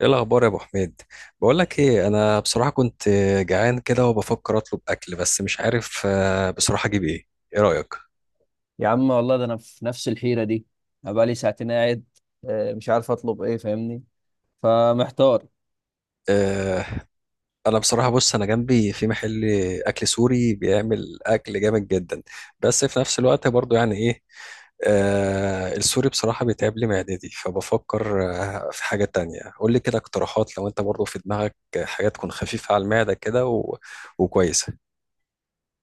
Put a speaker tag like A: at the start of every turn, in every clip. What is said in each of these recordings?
A: ايه الاخبار يا ابو حميد؟ بقول لك ايه، انا بصراحه كنت جعان كده وبفكر اطلب اكل بس مش عارف بصراحه اجيب ايه. ايه رايك؟
B: يا عم والله ده انا في نفس الحيره دي. انا بقالي ساعتين قاعد، مش عارف اطلب ايه فاهمني، فمحتار.
A: آه، انا بصراحه بص، انا جنبي في محل اكل سوري بيعمل اكل جامد جدا. بس في نفس الوقت برضو يعني ايه، السوري بصراحه بيتعب لي معدتي، فبفكر في حاجه تانية. قول لي كده اقتراحات لو انت برضو في دماغك حاجه تكون خفيفه على المعده كده و وكويسه.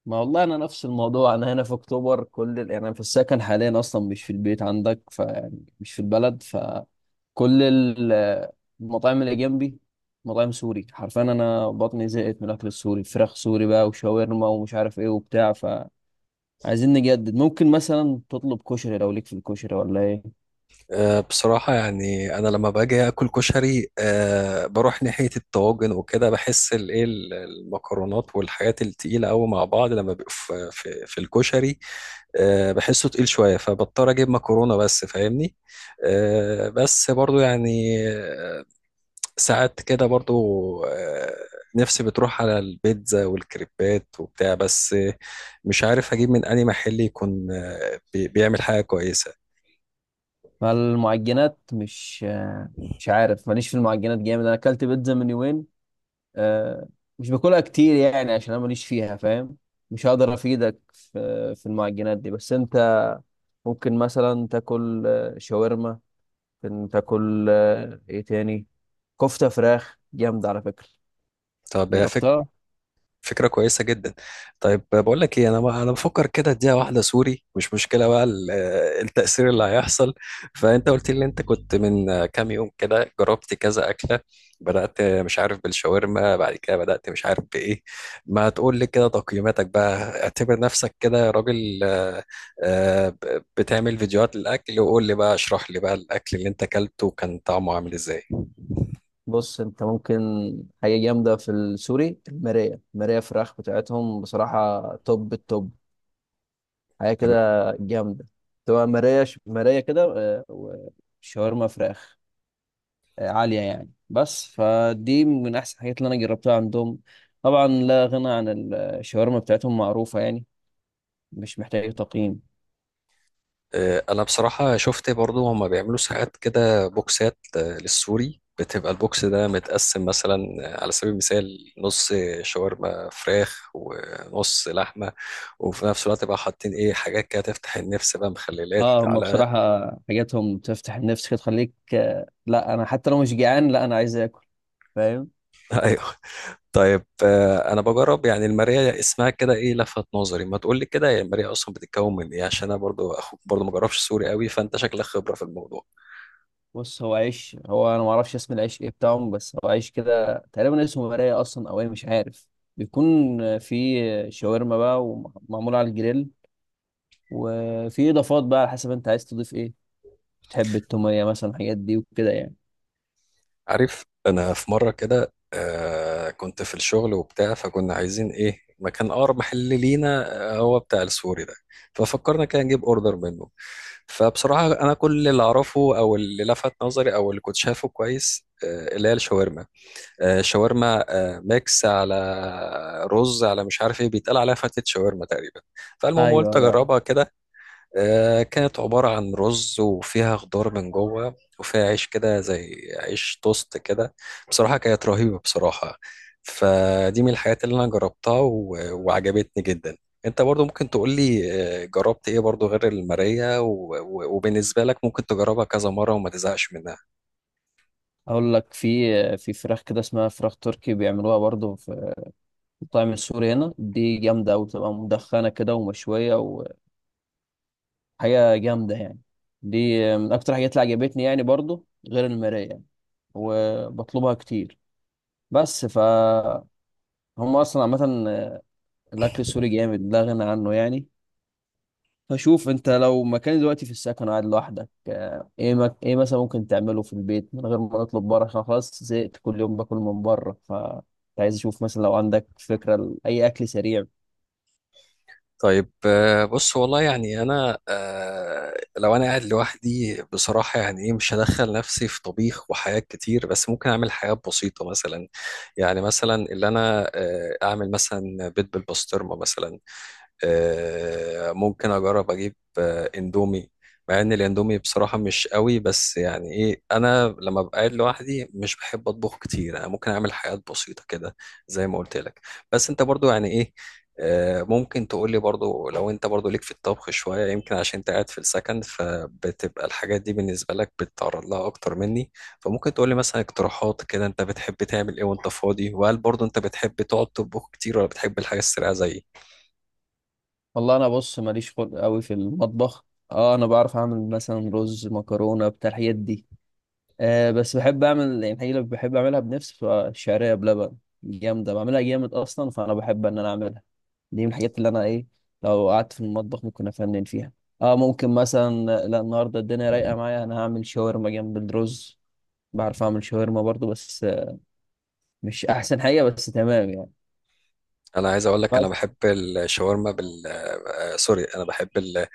B: ما والله انا نفس الموضوع. انا هنا في اكتوبر، يعني انا في السكن حاليا اصلا مش في البيت عندك فيعني مش في البلد، فكل المطاعم اللي جنبي مطاعم سوري حرفيا. انا بطني زهقت من الاكل السوري، فراخ سوري بقى وشاورما ومش عارف ايه وبتاع. فعايزين نجدد، ممكن مثلا تطلب كشري لو ليك في الكشري ولا ايه؟
A: بصراحة يعني أنا لما باجي آكل كشري بروح ناحية الطواجن وكده، بحس الإيه المكرونات والحاجات التقيلة أوي مع بعض لما بيبقوا في الكشري. بحسه تقيل شوية فبضطر أجيب مكرونة بس، فاهمني؟ آه، بس برضو يعني آه، ساعات كده برضو آه، نفسي بتروح على البيتزا والكريبات وبتاع، بس مش عارف أجيب من أي محل يكون بيعمل حاجة كويسة.
B: فالمعجنات مش عارف، ماليش في المعجنات جامد، انا اكلت بيتزا من يومين. آه، مش باكلها كتير يعني عشان انا ماليش فيها فاهم. مش هقدر افيدك في المعجنات دي. بس انت ممكن مثلا تاكل شاورما، ممكن تاكل ايه تاني، كفتة فراخ جامدة على فكرة،
A: طب يا فكرة،
B: جربتها.
A: فكرة كويسة جدا. طيب بقول لك ايه، انا بفكر كده اديها واحدة سوري، مش مشكلة بقى التأثير اللي هيحصل. فانت قلت لي إن انت كنت من كام يوم كده جربت كذا أكلة، بدأت مش عارف بالشاورما، بعد كده بدأت مش عارف بإيه. ما تقول لي كده تقييماتك بقى. اعتبر نفسك كده يا راجل، بتعمل فيديوهات للأكل، وقول لي بقى، اشرح لي بقى الأكل اللي انت أكلته كان طعمه عامل ازاي.
B: بص انت ممكن، حاجة جامدة في السوري المراية. المراية فراخ بتاعتهم بصراحة توب التوب، حاجه كده جامده. تبقى مرايه كده، وشاورما فراخ عاليه يعني. بس فدي من احسن الحاجات اللي انا جربتها عندهم. طبعا لا غنى عن الشاورما بتاعتهم، معروفه يعني مش محتاجه تقييم.
A: انا بصراحة شفت برضو هما بيعملوا ساعات كده بوكسات للسوري، بتبقى البوكس ده متقسم مثلا على سبيل المثال نص شاورما فراخ ونص لحمة، وفي نفس الوقت بقى حاطين ايه، حاجات كده تفتح النفس بقى، مخللات
B: اه، هم
A: على
B: بصراحه حاجاتهم تفتح النفس كده، تخليك لا انا حتى لو مش جعان، لا انا عايز اكل، فاهم.
A: ايوه. طيب انا بجرب يعني الماريا اسمها كده، ايه لفت نظري. ما تقول لي كده هي الماريا اصلا بتتكون من ايه، عشان انا برضو اخوك برضو ما جربش سوري قوي، فانت شكلك خبرة في الموضوع.
B: بص هو عيش، هو انا ما اعرفش اسم العيش ايه بتاعهم، بس هو عيش كده تقريبا اسمه مرايه اصلا او ايه مش عارف. بيكون فيه شاورما بقى ومعمول على الجريل، وفي اضافات بقى على حسب انت عايز تضيف ايه. بتحب التوميه مثلا، الحاجات دي وكده يعني.
A: عارف، انا في مره كده آه كنت في الشغل وبتاع، فكنا عايزين ايه، مكان اقرب محل لينا هو بتاع السوري ده. ففكرنا كده نجيب اوردر منه. فبصراحه انا كل اللي اعرفه او اللي لفت نظري او اللي كنت شايفه كويس آه اللي هي الشاورما. آه شاورما آه ميكس على رز، على مش عارف ايه بيتقال عليها فتة شاورما تقريبا. فالمهم
B: ايوه،
A: قلت
B: ايوه،
A: اجربها
B: عارف.
A: كده. كانت عبارة عن رز وفيها خضار من جوه وفيها عيش كده زي عيش توست كده. بصراحة كانت رهيبة بصراحة. فدي من الحاجات اللي أنا جربتها و وعجبتني جدا. أنت برضو ممكن تقولي جربت إيه برضو غير المارية و وبالنسبة لك ممكن تجربها كذا مرة وما تزهقش منها.
B: اقول لك في فراخ كده اسمها فراخ تركي بيعملوها برضو في المطاعم السوري هنا، دي جامده قوي بتبقى مدخنه كده ومشويه، حاجة جامدة يعني. دي من أكتر حاجات اللي عجبتني يعني برضو غير المراية يعني، وبطلبها كتير. بس هم أصلا عامة الأكل السوري جامد لا غنى عنه يعني. فشوف أنت لو مكان دلوقتي في السكن قاعد لوحدك، إيه مثلا ممكن تعمله في البيت من غير ما نطلب بره عشان خلاص زهقت كل يوم باكل من بره، ف كنت عايز أشوف مثلا لو عندك فكرة لأي أكل سريع.
A: طيب بص والله يعني انا لو انا قاعد لوحدي بصراحه يعني ايه، مش هدخل نفسي في طبيخ وحاجات كتير، بس ممكن اعمل حاجات بسيطه مثلا. يعني مثلا اللي انا اعمل مثلا بيض بالبسطرمه مثلا. ممكن اجرب اجيب اندومي، مع ان الاندومي بصراحة مش قوي، بس يعني ايه انا لما ببقى قاعد لوحدي مش بحب اطبخ كتير، انا ممكن اعمل حاجات بسيطة كده زي ما قلت لك. بس انت برضو يعني ايه ممكن تقول لي برضو لو انت برضو ليك في الطبخ شوية، يمكن عشان انت قاعد في السكن فبتبقى الحاجات دي بالنسبة لك بتتعرض لها اكتر مني. فممكن تقول لي مثلا اقتراحات كده، انت بتحب تعمل ايه وانت فاضي، وهل برضو انت بتحب تقعد تطبخ كتير ولا بتحب الحاجة السريعة زيي.
B: والله أنا بص ماليش خلق قوي في المطبخ. اه، انا بعرف اعمل مثلا رز مكرونه بتاع الحاجات دي. أه بس بحب اعمل يعني الحقيقة، اللي بحب اعملها بنفسي بتبقى الشعريه بلبن، جامده بعملها جامد اصلا، فانا بحب ان انا اعملها. دي من الحاجات اللي انا ايه، لو قعدت في المطبخ ممكن افنن فيها. اه ممكن مثلا، لا النهارده الدنيا رايقه معايا، انا هعمل شاورما جنب الرز. بعرف اعمل شاورما برضو بس مش احسن حاجه بس تمام يعني.
A: انا عايز اقول لك انا
B: بس
A: بحب الشاورما بال سوري، انا بحب ال... آه،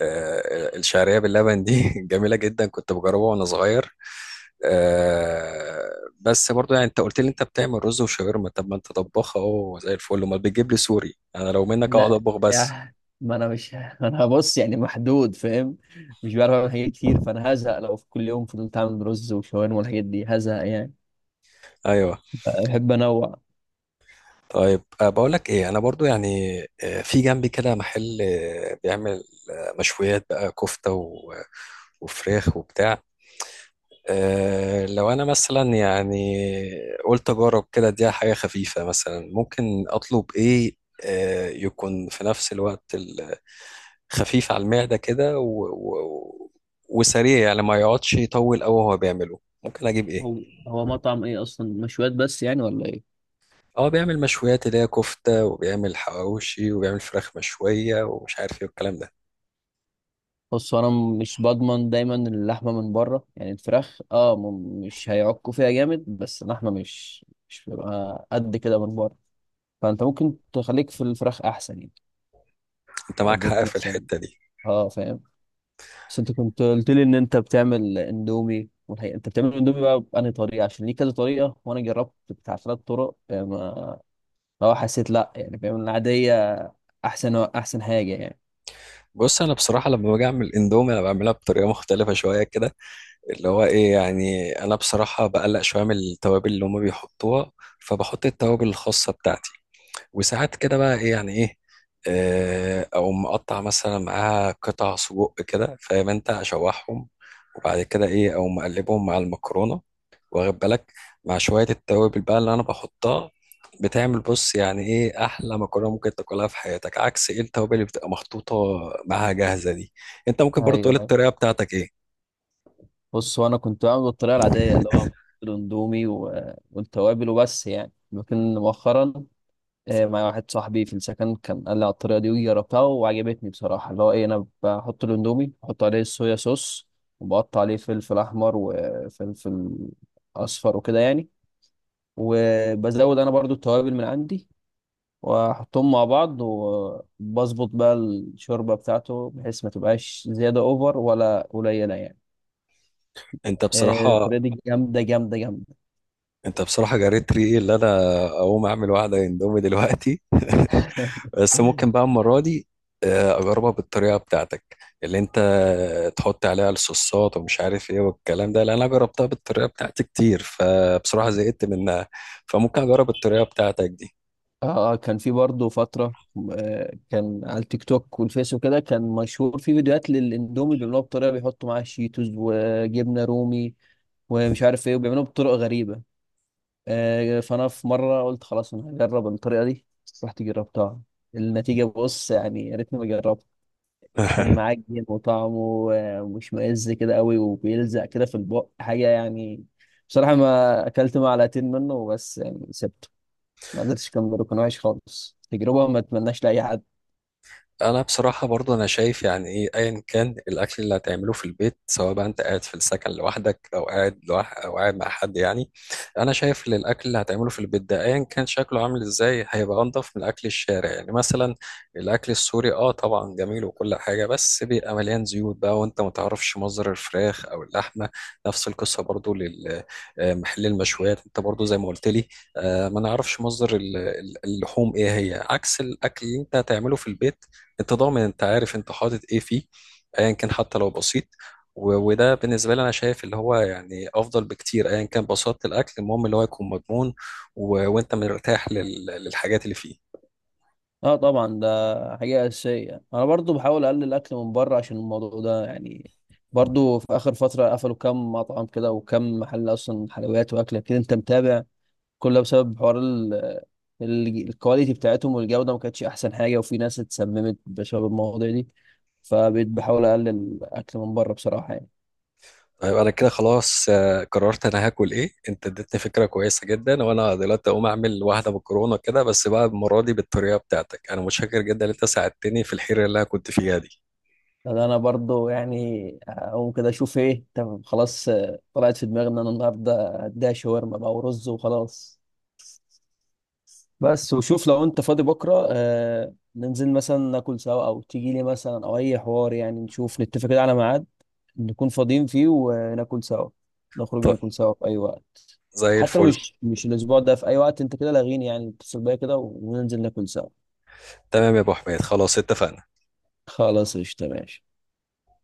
A: آه، الشعريه باللبن دي جميله جدا كنت بجربها وانا صغير. آه، بس برضو يعني انت قلت لي انت بتعمل رز وشاورما، طب ما انت طباخ اهو زي الفل، امال بتجيب لي سوري؟ انا لو منك اقعد
B: لا
A: اطبخ بس.
B: يعني ما انا مش انا هبص يعني محدود، فاهم، مش بعرف اعمل حاجات كتير فانا هزهق لو في كل يوم فضلت اعمل رز وشاورما والحاجات دي هزهق يعني،
A: ايوه.
B: بحب انوع.
A: طيب أه بقول لك ايه، انا برضو يعني في جنبي كده محل بيعمل مشويات بقى، كفته و... آه، وفراخ وبتاع. أه لو انا مثلا يعني قلت اجرب كده، دي حاجه خفيفه مثلا ممكن اطلب ايه، أه يكون في نفس الوقت خفيف على المعده كده و وسريع، يعني ما يقعدش يطول قوي وهو بيعمله، ممكن اجيب ايه؟
B: هو مطعم ايه اصلا مشويات بس يعني ولا ايه؟
A: اه بيعمل مشويات اللي هي كفته، وبيعمل حواوشي، وبيعمل فراخ مشويه ومش عارف ايه والكلام ده.
B: بص هو انا مش بضمن دايما اللحمه من بره يعني، الفراخ مش هيعكوا فيها جامد، بس اللحمه مش بيبقى قد كده من بره، فانت ممكن تخليك في الفراخ احسن يعني،
A: انت
B: لو
A: معاك حق
B: جبت
A: في
B: مثلا،
A: الحته دي.
B: اه فاهم. بس انت كنت قلت لي ان انت بتعمل اندومي، والحقيقه انت بتعمل اندومي بقى بأنهي طريقه عشان ليه كذا طريقه، وانا جربت بتاع ثلاث طرق يعني، ما لو حسيت لا يعني بيعمل العاديه احسن احسن حاجه يعني.
A: بص انا بصراحه لما باجي اعمل اندومي انا بعملها بطريقه مختلفه شويه كده، اللي هو ايه، يعني انا بصراحة بقلق شوية من التوابل اللي هما بيحطوها، فبحط التوابل الخاصة بتاعتي. وساعات كده بقى ايه يعني ايه او مقطع مثلا معاها قطع سجق كده، فاهم؟ انت اشوحهم وبعد كده ايه او مقلبهم مع المكرونة، واخد بالك، مع شوية التوابل بقى اللي انا بحطها. بتعمل بص يعني ايه احلى مكرونه ممكن تاكلها في حياتك، عكس ايه التوابل اللي بتبقى محطوطه معاها جاهزه دي. انت ممكن برضو تقول
B: ايوه،
A: الطريقه بتاعتك ايه.
B: بص هو انا كنت بعمل بالطريقه العاديه اللي هو الاندومي والتوابل وبس يعني، لكن مؤخرا مع واحد صاحبي في السكن كان قال لي على الطريقه دي وجربتها وعجبتني بصراحه، اللي هو ايه، انا بحط الاندومي، بحط عليه الصويا صوص، وبقطع عليه فلفل احمر وفلفل اصفر وكده يعني، وبزود انا برضو التوابل من عندي واحطهم مع بعض وبظبط بقى الشوربه بتاعته بحيث ما تبقاش زياده اوفر ولا قليله يعني.
A: انت بصراحة
B: الطريقه دي جامده جامده جامده.
A: انت بصراحة جريت ريقي، اللي انا اقوم اعمل واحدة اندومي دلوقتي. بس ممكن بقى المرة دي اجربها بالطريقة بتاعتك، اللي انت تحط عليها الصوصات ومش عارف ايه والكلام ده، لان انا جربتها بالطريقة بتاعتي كتير فبصراحة زهقت منها، فممكن اجرب الطريقة بتاعتك دي.
B: اه اه، كان في برضه فترة، كان على التيك توك والفيس وكده، كان مشهور في فيديوهات للاندومي بيعملوها بطريقة بيحطوا معاها شيتوز وجبنة رومي ومش عارف ايه وبيعملوها بطرق غريبة. فانا في مرة قلت خلاص انا هجرب الطريقة دي، رحت جربتها، النتيجة بص يعني يا ريتني ما جربت. كان معجن وطعمه مش مئز كده قوي وبيلزق كده في البق، حاجة يعني. بصراحة ما أكلت معلقتين منه بس يعني سبت. ما قدرتش، كان وحش خالص، تجربة ما اتمناش لأي حد.
A: انا بصراحه برضو انا شايف يعني ايه ايا كان الاكل اللي هتعمله في البيت، سواء بقى انت قاعد في السكن لوحدك او قاعد لوح او قاعد مع حد، يعني انا شايف ان الاكل اللي هتعمله في البيت ده ايا كان شكله عامل ازاي هيبقى انضف من اكل الشارع. يعني مثلا الاكل السوري اه طبعا جميل وكل حاجه، بس بيبقى مليان زيوت بقى، وانت ما تعرفش مصدر الفراخ او اللحمه. نفس القصه برضو للمحل المشويات، انت برضو زي ما قلت لي ما نعرفش مصدر اللحوم ايه هي، عكس الاكل اللي انت هتعمله في البيت، انت ضامن، انت عارف انت حاطط ايه فيه، ايا كان حتى لو بسيط. وده بالنسبه لي انا شايف اللي هو يعني افضل بكتير، ايا كان بساطه الاكل، المهم اللي هو يكون مضمون و وانت مرتاح للحاجات اللي فيه.
B: اه طبعا ده حاجة أساسية، أنا برضو بحاول أقلل الأكل من بره عشان الموضوع ده يعني. برضو في آخر فترة قفلوا كام مطعم كده وكم محل أصلا حلويات وأكل كده، أنت متابع، كل ده بسبب حوار الكواليتي بتاعتهم والجودة، ما كانتش أحسن حاجة، وفي ناس اتسممت بسبب المواضيع دي، فبقيت بحاول أقلل الأكل من بره بصراحة يعني.
A: طيب انا كده خلاص قررت انا هاكل ايه. انت اديتني فكره كويسه جدا، وانا دلوقتي اقوم اعمل واحده مكرونه كده بس بقى المره دي بالطريقه بتاعتك. انا متشكر جدا ان انت ساعدتني في الحيره اللي انا كنت فيها دي.
B: ده انا برضو يعني اقوم كده اشوف ايه، طب خلاص طلعت في دماغي ان انا النهارده هديها شاورما بقى ورز وخلاص. بس وشوف لو انت فاضي بكره ننزل مثلا ناكل سوا، او تيجي لي مثلا، او اي حوار يعني، نشوف نتفق كده على ميعاد نكون فاضيين فيه وناكل سوا، نخرج
A: طيب،
B: ناكل سوا في اي وقت.
A: زي
B: حتى لو
A: الفل.
B: مش الاسبوع ده، في اي وقت انت كده لاغيني يعني اتصل بيا كده وننزل ناكل سوا.
A: تمام يا ابو حميد، خلاص اتفقنا.
B: خلاص قشطة ماشي.